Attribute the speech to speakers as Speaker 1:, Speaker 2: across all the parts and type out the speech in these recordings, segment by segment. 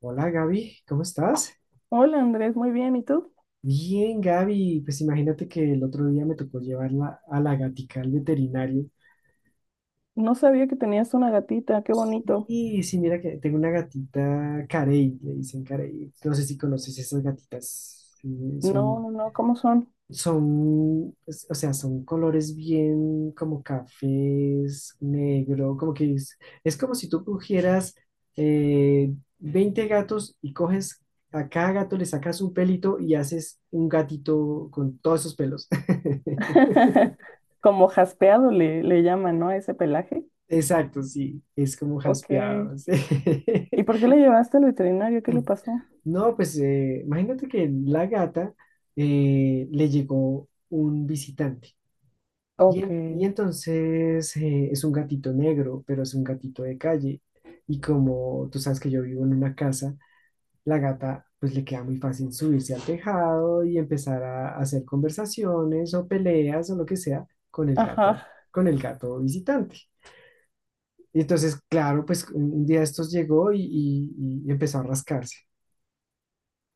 Speaker 1: Hola Gaby, ¿cómo estás?
Speaker 2: Hola Andrés, muy bien. ¿Y tú?
Speaker 1: Bien, Gaby, pues imagínate que el otro día me tocó llevarla a la gatica al veterinario.
Speaker 2: No sabía que tenías una gatita, qué bonito.
Speaker 1: Y sí, mira que tengo una gatita Carey, le dicen Carey. No sé si conoces esas gatitas, sí,
Speaker 2: No,
Speaker 1: son.
Speaker 2: no, no, ¿cómo son?
Speaker 1: Son, son colores bien como cafés, negro, como que es como si tú cogieras eh, 20 gatos y coges a cada gato le sacas un pelito y haces un gatito con todos esos pelos.
Speaker 2: Como jaspeado le llaman, ¿no? A ese pelaje.
Speaker 1: Exacto, sí, es como
Speaker 2: Ok.
Speaker 1: jaspeado, sí.
Speaker 2: ¿Y por qué le llevaste al veterinario? ¿Qué le pasó?
Speaker 1: No, pues imagínate que la gata le llegó un visitante.
Speaker 2: Ok.
Speaker 1: Y entonces es un gatito negro, pero es un gatito de calle. Y como tú sabes que yo vivo en una casa, la gata pues le queda muy fácil subirse al tejado y empezar a hacer conversaciones o peleas o lo que sea
Speaker 2: Ajá.
Speaker 1: con el gato visitante. Y entonces, claro, pues un día estos llegó y empezó a rascarse.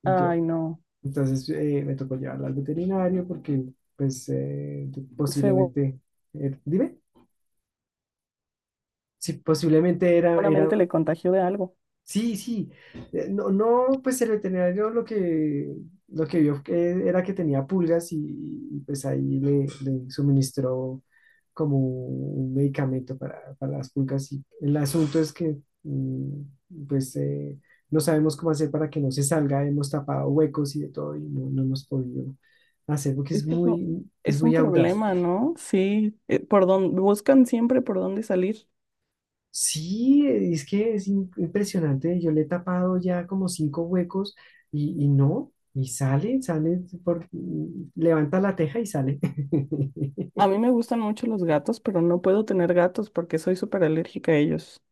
Speaker 1: Y yo,
Speaker 2: Ay, no.
Speaker 1: entonces me tocó llevarla al veterinario porque pues
Speaker 2: Seguramente
Speaker 1: posiblemente, dime. Sí, posiblemente era,
Speaker 2: le contagió de algo.
Speaker 1: sí, sí, no, no, pues el veterinario lo que vio que era que tenía pulgas, y pues ahí le, le suministró como un medicamento para las pulgas. Y el asunto es que pues no sabemos cómo hacer para que no se salga, hemos tapado huecos y de todo, y no, no hemos podido hacer porque
Speaker 2: Es que eso
Speaker 1: es
Speaker 2: es un
Speaker 1: muy audaz.
Speaker 2: problema, ¿no? Sí. Por dónde, buscan siempre por dónde salir.
Speaker 1: Sí, es que es impresionante. Yo le he tapado ya como cinco huecos y no, y sale, por, levanta la teja y sale.
Speaker 2: A mí me gustan mucho los gatos, pero no puedo tener gatos porque soy súper alérgica a ellos.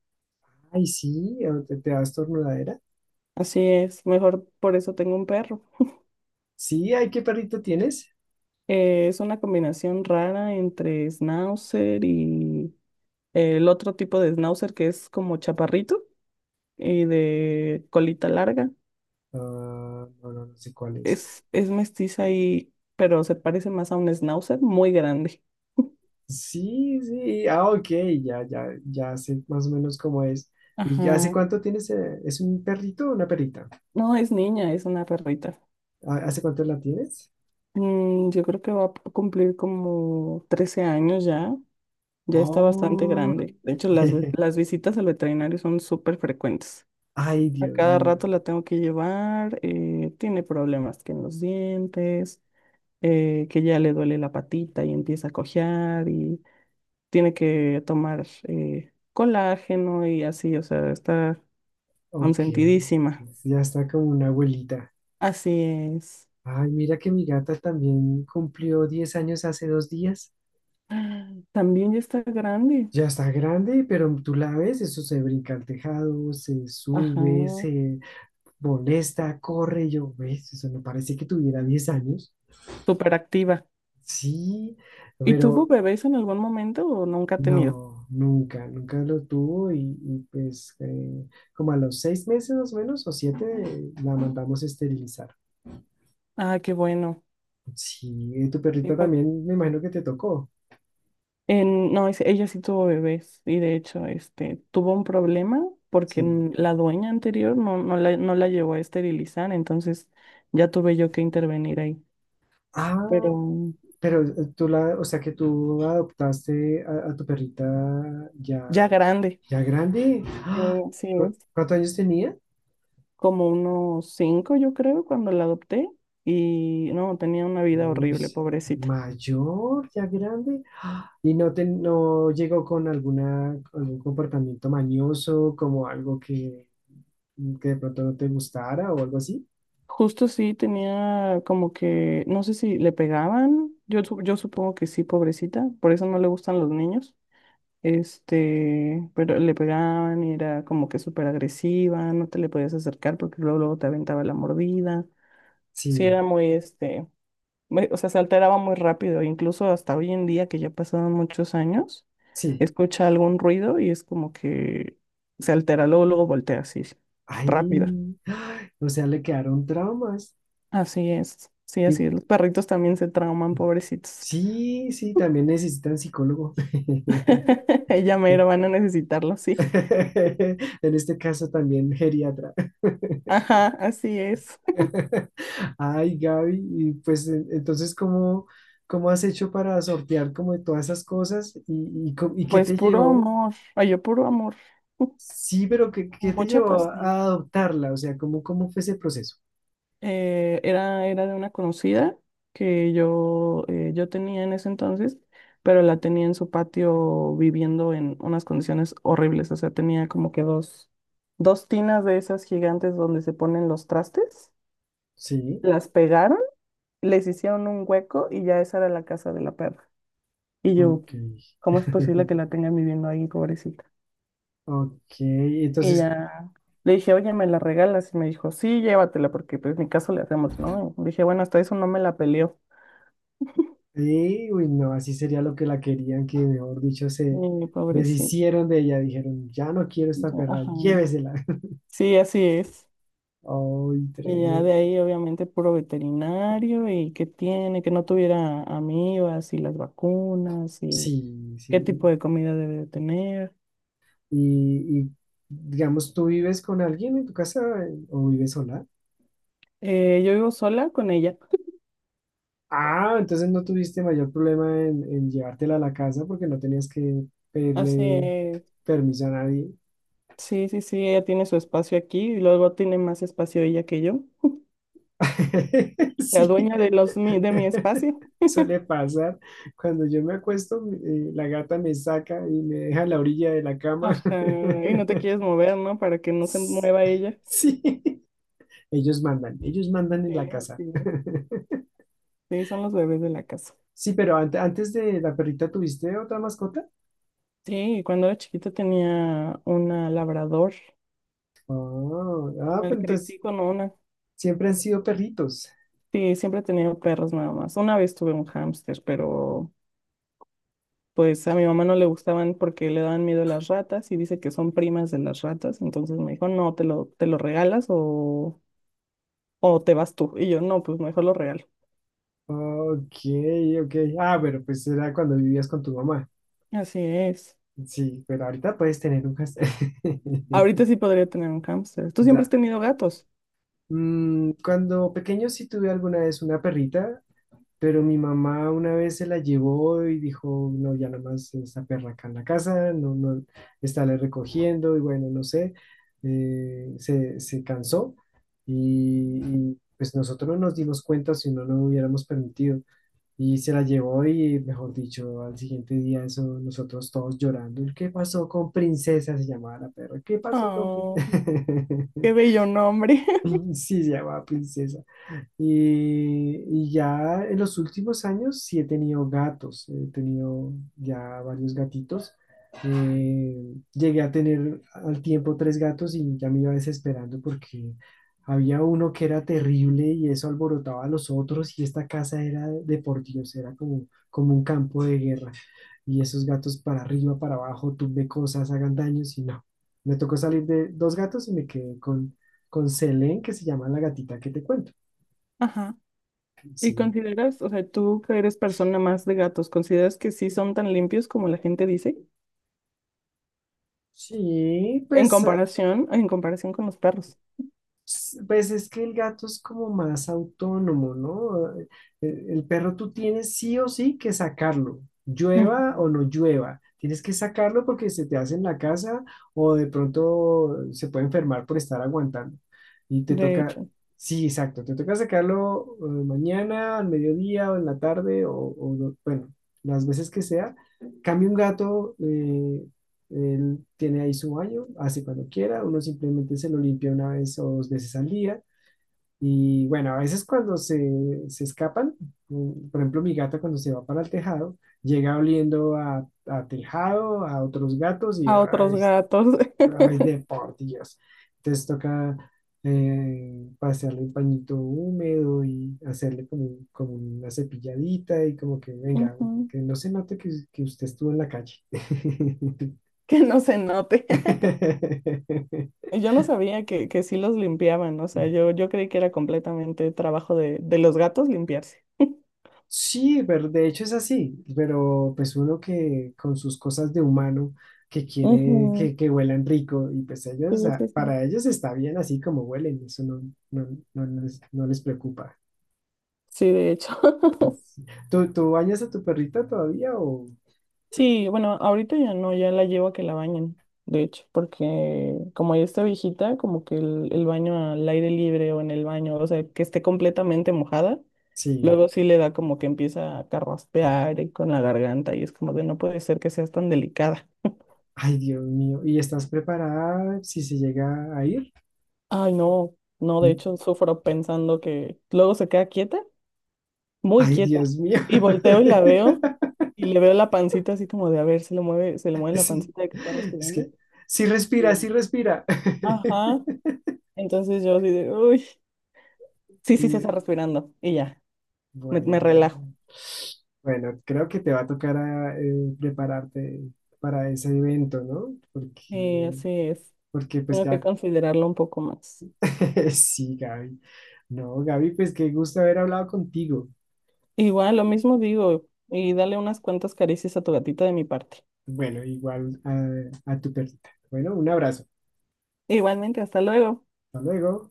Speaker 1: Ay, sí, o te da estornudadera.
Speaker 2: Así es, mejor por eso tengo un perro.
Speaker 1: Sí, ay, ¿qué perrito tienes?
Speaker 2: Es una combinación rara entre schnauzer y el otro tipo de schnauzer que es como chaparrito y de colita larga.
Speaker 1: Ah, no, no, no sé cuál es.
Speaker 2: Es mestiza y, pero se parece más a un schnauzer muy grande.
Speaker 1: Sí, sí, ah, ok, ya, ya, ya sé más o menos cómo es. ¿Y hace
Speaker 2: Ajá.
Speaker 1: cuánto tienes? ¿Es un perrito o una perrita?
Speaker 2: No, es niña, es una perrita.
Speaker 1: Ah, ¿hace cuánto la tienes?
Speaker 2: Yo creo que va a cumplir como 13 años ya. Ya está bastante
Speaker 1: Oh,
Speaker 2: grande. De hecho, las visitas al veterinario son súper frecuentes.
Speaker 1: ay,
Speaker 2: A
Speaker 1: Dios
Speaker 2: cada
Speaker 1: mío.
Speaker 2: rato la tengo que llevar, tiene problemas que en los dientes, que ya le duele la patita y empieza a cojear y tiene que tomar colágeno y así, o sea, está
Speaker 1: Ok,
Speaker 2: consentidísima.
Speaker 1: ya está como una abuelita.
Speaker 2: Así es.
Speaker 1: Ay, mira que mi gata también cumplió 10 años hace 2 días.
Speaker 2: También ya está grande.
Speaker 1: Ya está grande, pero tú la ves, eso se brinca al tejado, se
Speaker 2: Ajá,
Speaker 1: sube, se molesta, corre. Y yo, ves, eso no parece que tuviera 10 años.
Speaker 2: súper activa.
Speaker 1: Sí,
Speaker 2: ¿Y tuvo
Speaker 1: pero
Speaker 2: bebés en algún momento o nunca ha tenido?
Speaker 1: no, nunca, nunca lo tuvo, y pues como a los 6 meses más o menos o 7 la mandamos a esterilizar.
Speaker 2: Ah, qué bueno.
Speaker 1: Sí, ¿tu
Speaker 2: ¿Y
Speaker 1: perrita
Speaker 2: por-
Speaker 1: también, me imagino, que te tocó?
Speaker 2: no, ella sí tuvo bebés y de hecho tuvo un problema porque
Speaker 1: Sí.
Speaker 2: la dueña anterior no, no la llevó a esterilizar, entonces ya tuve yo que intervenir ahí. Pero
Speaker 1: Ah, pero tú la, o sea que tú adoptaste a tu perrita ya,
Speaker 2: ya grande,
Speaker 1: ya grande.
Speaker 2: sí,
Speaker 1: ¡Ah!
Speaker 2: sí es.
Speaker 1: Cuántos años tenía?
Speaker 2: Como unos cinco, yo creo, cuando la adopté y no, tenía una vida
Speaker 1: Uy,
Speaker 2: horrible, pobrecita.
Speaker 1: mayor, ya grande. ¡Ah! Y no te, no llegó con alguna, algún comportamiento mañoso, como algo que de pronto no te gustara o algo así.
Speaker 2: Justo sí tenía como que, no sé si le pegaban, yo supongo que sí, pobrecita, por eso no le gustan los niños. Pero le pegaban y era como que súper agresiva, no te le podías acercar porque luego, luego te aventaba la mordida. Sí,
Speaker 1: Sí,
Speaker 2: era o sea, se alteraba muy rápido. Incluso hasta hoy en día, que ya pasaron muchos años,
Speaker 1: sí.
Speaker 2: escucha algún ruido y es como que se altera, luego, luego voltea así, rápido.
Speaker 1: Ay, ¡ay! O sea, le quedaron traumas.
Speaker 2: Así es, sí,
Speaker 1: Y-
Speaker 2: así es. Los perritos también se trauman, pobrecitos.
Speaker 1: sí, sí, también necesitan psicólogo.
Speaker 2: Ella mero van a necesitarlo, sí.
Speaker 1: En este caso también geriatra.
Speaker 2: Ajá, así es.
Speaker 1: Ay, Gaby, y pues entonces, ¿cómo, cómo has hecho para sortear como de todas esas cosas? Y, y, ¿y qué
Speaker 2: Pues
Speaker 1: te
Speaker 2: puro
Speaker 1: llevó?
Speaker 2: amor, ay, yo puro amor,
Speaker 1: Sí, pero ¿qué, qué te
Speaker 2: mucha
Speaker 1: llevó
Speaker 2: pasión.
Speaker 1: a adoptarla? O sea, ¿cómo, cómo fue ese proceso?
Speaker 2: Era de una conocida que yo tenía en ese entonces, pero la tenía en su patio viviendo en unas condiciones horribles, o sea, tenía como que dos tinas de esas gigantes donde se ponen los trastes,
Speaker 1: Sí,
Speaker 2: las pegaron, les hicieron un hueco y ya esa era la casa de la perra. Y yo,
Speaker 1: ok.
Speaker 2: ¿cómo es posible que la tengan viviendo ahí, pobrecita?
Speaker 1: Ok,
Speaker 2: Y
Speaker 1: entonces,
Speaker 2: ya le dije, oye, ¿me la regalas? Y me dijo, sí, llévatela, porque pues mi caso le hacemos, ¿no? Y dije, bueno, hasta eso no me la peleó.
Speaker 1: uy, no, así sería lo que la querían, que mejor dicho, se
Speaker 2: Y pobrecito.
Speaker 1: deshicieron de ella, dijeron, ya no quiero
Speaker 2: Y
Speaker 1: esta
Speaker 2: ya,
Speaker 1: perra,
Speaker 2: ajá.
Speaker 1: llévesela.
Speaker 2: Sí, así es.
Speaker 1: Ay,
Speaker 2: Y ya
Speaker 1: tremendo.
Speaker 2: de ahí, obviamente, puro veterinario y qué tiene, que no tuviera amibas y las vacunas y
Speaker 1: Sí,
Speaker 2: qué tipo
Speaker 1: sí.
Speaker 2: de comida debe de tener.
Speaker 1: Y, digamos, ¿tú vives con alguien en tu casa, o vives sola?
Speaker 2: Yo vivo sola con ella.
Speaker 1: Ah, entonces no tuviste mayor problema en llevártela a la casa, porque no tenías que pedirle
Speaker 2: Hace,
Speaker 1: permiso a nadie.
Speaker 2: sí, sí, sí, ella tiene su espacio aquí y luego tiene más espacio ella que yo. La
Speaker 1: Sí,
Speaker 2: dueña de de mi espacio.
Speaker 1: suele pasar. Cuando yo me acuesto, la gata me saca y me deja a la orilla de la cama.
Speaker 2: Ajá, y no te quieres mover, ¿no? Para que no se mueva ella.
Speaker 1: Sí, ellos mandan en
Speaker 2: Sí,
Speaker 1: la casa.
Speaker 2: así. Sí, son los bebés de la casa.
Speaker 1: Sí, pero antes de la perrita, ¿tuviste otra mascota?
Speaker 2: Sí, y cuando era chiquita tenía una labrador,
Speaker 1: Ah, ah,
Speaker 2: una
Speaker 1: pero
Speaker 2: crecí
Speaker 1: entonces
Speaker 2: con una.
Speaker 1: siempre han sido perritos.
Speaker 2: Sí, siempre he tenido perros nada más. Una vez tuve un hámster, pero pues a mi mamá no le gustaban porque le daban miedo las ratas y dice que son primas de las ratas. Entonces me dijo, no, te lo regalas o te vas tú. Y yo, no, pues mejor lo regalo.
Speaker 1: Ok, ok. Ah, bueno, pues era cuando vivías con tu mamá.
Speaker 2: Así es.
Speaker 1: Sí, pero ahorita puedes tener un hashtag.
Speaker 2: Ahorita sí podría tener un hámster. ¿Tú
Speaker 1: O
Speaker 2: siempre has
Speaker 1: sea,
Speaker 2: tenido gatos?
Speaker 1: cuando pequeño sí tuve alguna vez una perrita. Pero mi mamá una vez se la llevó y dijo, no, ya nada más esta perra acá en la casa, no, no, está le recogiendo y bueno, no sé, se, se cansó y, y, pues nosotros no nos dimos cuenta, si no, no lo hubiéramos permitido, y se la llevó. Y mejor dicho, al siguiente día eso nosotros todos llorando, ¿qué pasó con Princesa? Se llamaba la perra, ¿qué pasó con Princesa?
Speaker 2: Oh, qué bello nombre.
Speaker 1: Sí, se llamaba Princesa. Y ya en los últimos años sí he tenido gatos, he tenido ya varios gatitos. Llegué a tener al tiempo tres gatos y ya me iba desesperando porque había uno que era terrible y eso alborotaba a los otros, y esta casa era de por Dios, era como, como un campo de guerra. Y esos gatos para arriba, para abajo, tumbe cosas, hagan daños y no. Me tocó salir de dos gatos y me quedé con Selene, que se llama la gatita que te cuento.
Speaker 2: Ajá. ¿Y
Speaker 1: Sí,
Speaker 2: consideras, o sea, tú que eres persona más de gatos, consideras que sí son tan limpios como la gente dice?
Speaker 1: sí, pues, ah,
Speaker 2: En comparación con los perros.
Speaker 1: pues es que el gato es como más autónomo, ¿no? El perro tú tienes sí o sí que sacarlo, llueva
Speaker 2: Ujú,
Speaker 1: o no llueva. Tienes que sacarlo porque se te hace en la casa, o de pronto se puede enfermar por estar aguantando. Y te
Speaker 2: de
Speaker 1: toca,
Speaker 2: hecho,
Speaker 1: sí, exacto, te toca sacarlo, mañana, al mediodía o en la tarde o, bueno, las veces que sea. Cambio un gato, él tiene ahí su baño, hace cuando quiera, uno simplemente se lo limpia una vez o dos veces al día. Y bueno, a veces cuando se escapan, por ejemplo, mi gata cuando se va para el tejado, llega oliendo a tejado, a otros gatos y
Speaker 2: a otros
Speaker 1: ay,
Speaker 2: gatos.
Speaker 1: ay, de por Dios. Entonces toca pasearle un pañito húmedo y hacerle como como una cepilladita, y como que venga,
Speaker 2: Ujú,
Speaker 1: que no se note que usted estuvo en la calle.
Speaker 2: que no se note. Yo no sabía que sí los limpiaban, o sea, yo creí que era completamente trabajo de los gatos limpiarse.
Speaker 1: Sí, pero de hecho es así, pero pues uno que con sus cosas de humano, que quiere
Speaker 2: Ujú,
Speaker 1: que huelan rico, y pues
Speaker 2: sí,
Speaker 1: ellos, ah,
Speaker 2: sí, sí.
Speaker 1: para ellos está bien así como huelen, eso no, no, no les, no les preocupa.
Speaker 2: Sí, de hecho.
Speaker 1: ¿Tú, tú bañas a tu perrita todavía o...?
Speaker 2: Sí, bueno, ahorita ya no, ya la llevo a que la bañen, de hecho, porque como ya está viejita, como que el baño al aire libre o en el baño, o sea, que esté completamente mojada,
Speaker 1: Sí.
Speaker 2: luego sí le da como que empieza a carraspear y con la garganta y es como de no puede ser que seas tan delicada.
Speaker 1: Ay, Dios mío. ¿Y estás preparada si se llega a ir?
Speaker 2: Ay, no, no, de hecho sufro pensando que luego se queda quieta, muy
Speaker 1: Ay,
Speaker 2: quieta,
Speaker 1: Dios mío.
Speaker 2: y volteo y la veo y le veo la pancita así como de a ver, se le mueve la
Speaker 1: Sí.
Speaker 2: pancita de que está
Speaker 1: Es
Speaker 2: respirando
Speaker 1: que sí
Speaker 2: y
Speaker 1: respira,
Speaker 2: ya.
Speaker 1: sí respira.
Speaker 2: Ajá, entonces yo así de, uy, sí, sí se está respirando y ya, me
Speaker 1: Bueno,
Speaker 2: relajo.
Speaker 1: bueno, creo que te va a tocar a, prepararte para ese evento, ¿no?
Speaker 2: Y
Speaker 1: Porque,
Speaker 2: así es,
Speaker 1: porque pues
Speaker 2: tengo que
Speaker 1: ya,
Speaker 2: considerarlo un poco más.
Speaker 1: sí, Gaby. No, Gaby, pues qué gusto haber hablado contigo.
Speaker 2: Igual, lo mismo digo, y dale unas cuantas caricias a tu gatita de mi parte.
Speaker 1: Bueno, igual a tu perrita. Bueno, un abrazo.
Speaker 2: Igualmente, hasta luego.
Speaker 1: Hasta luego.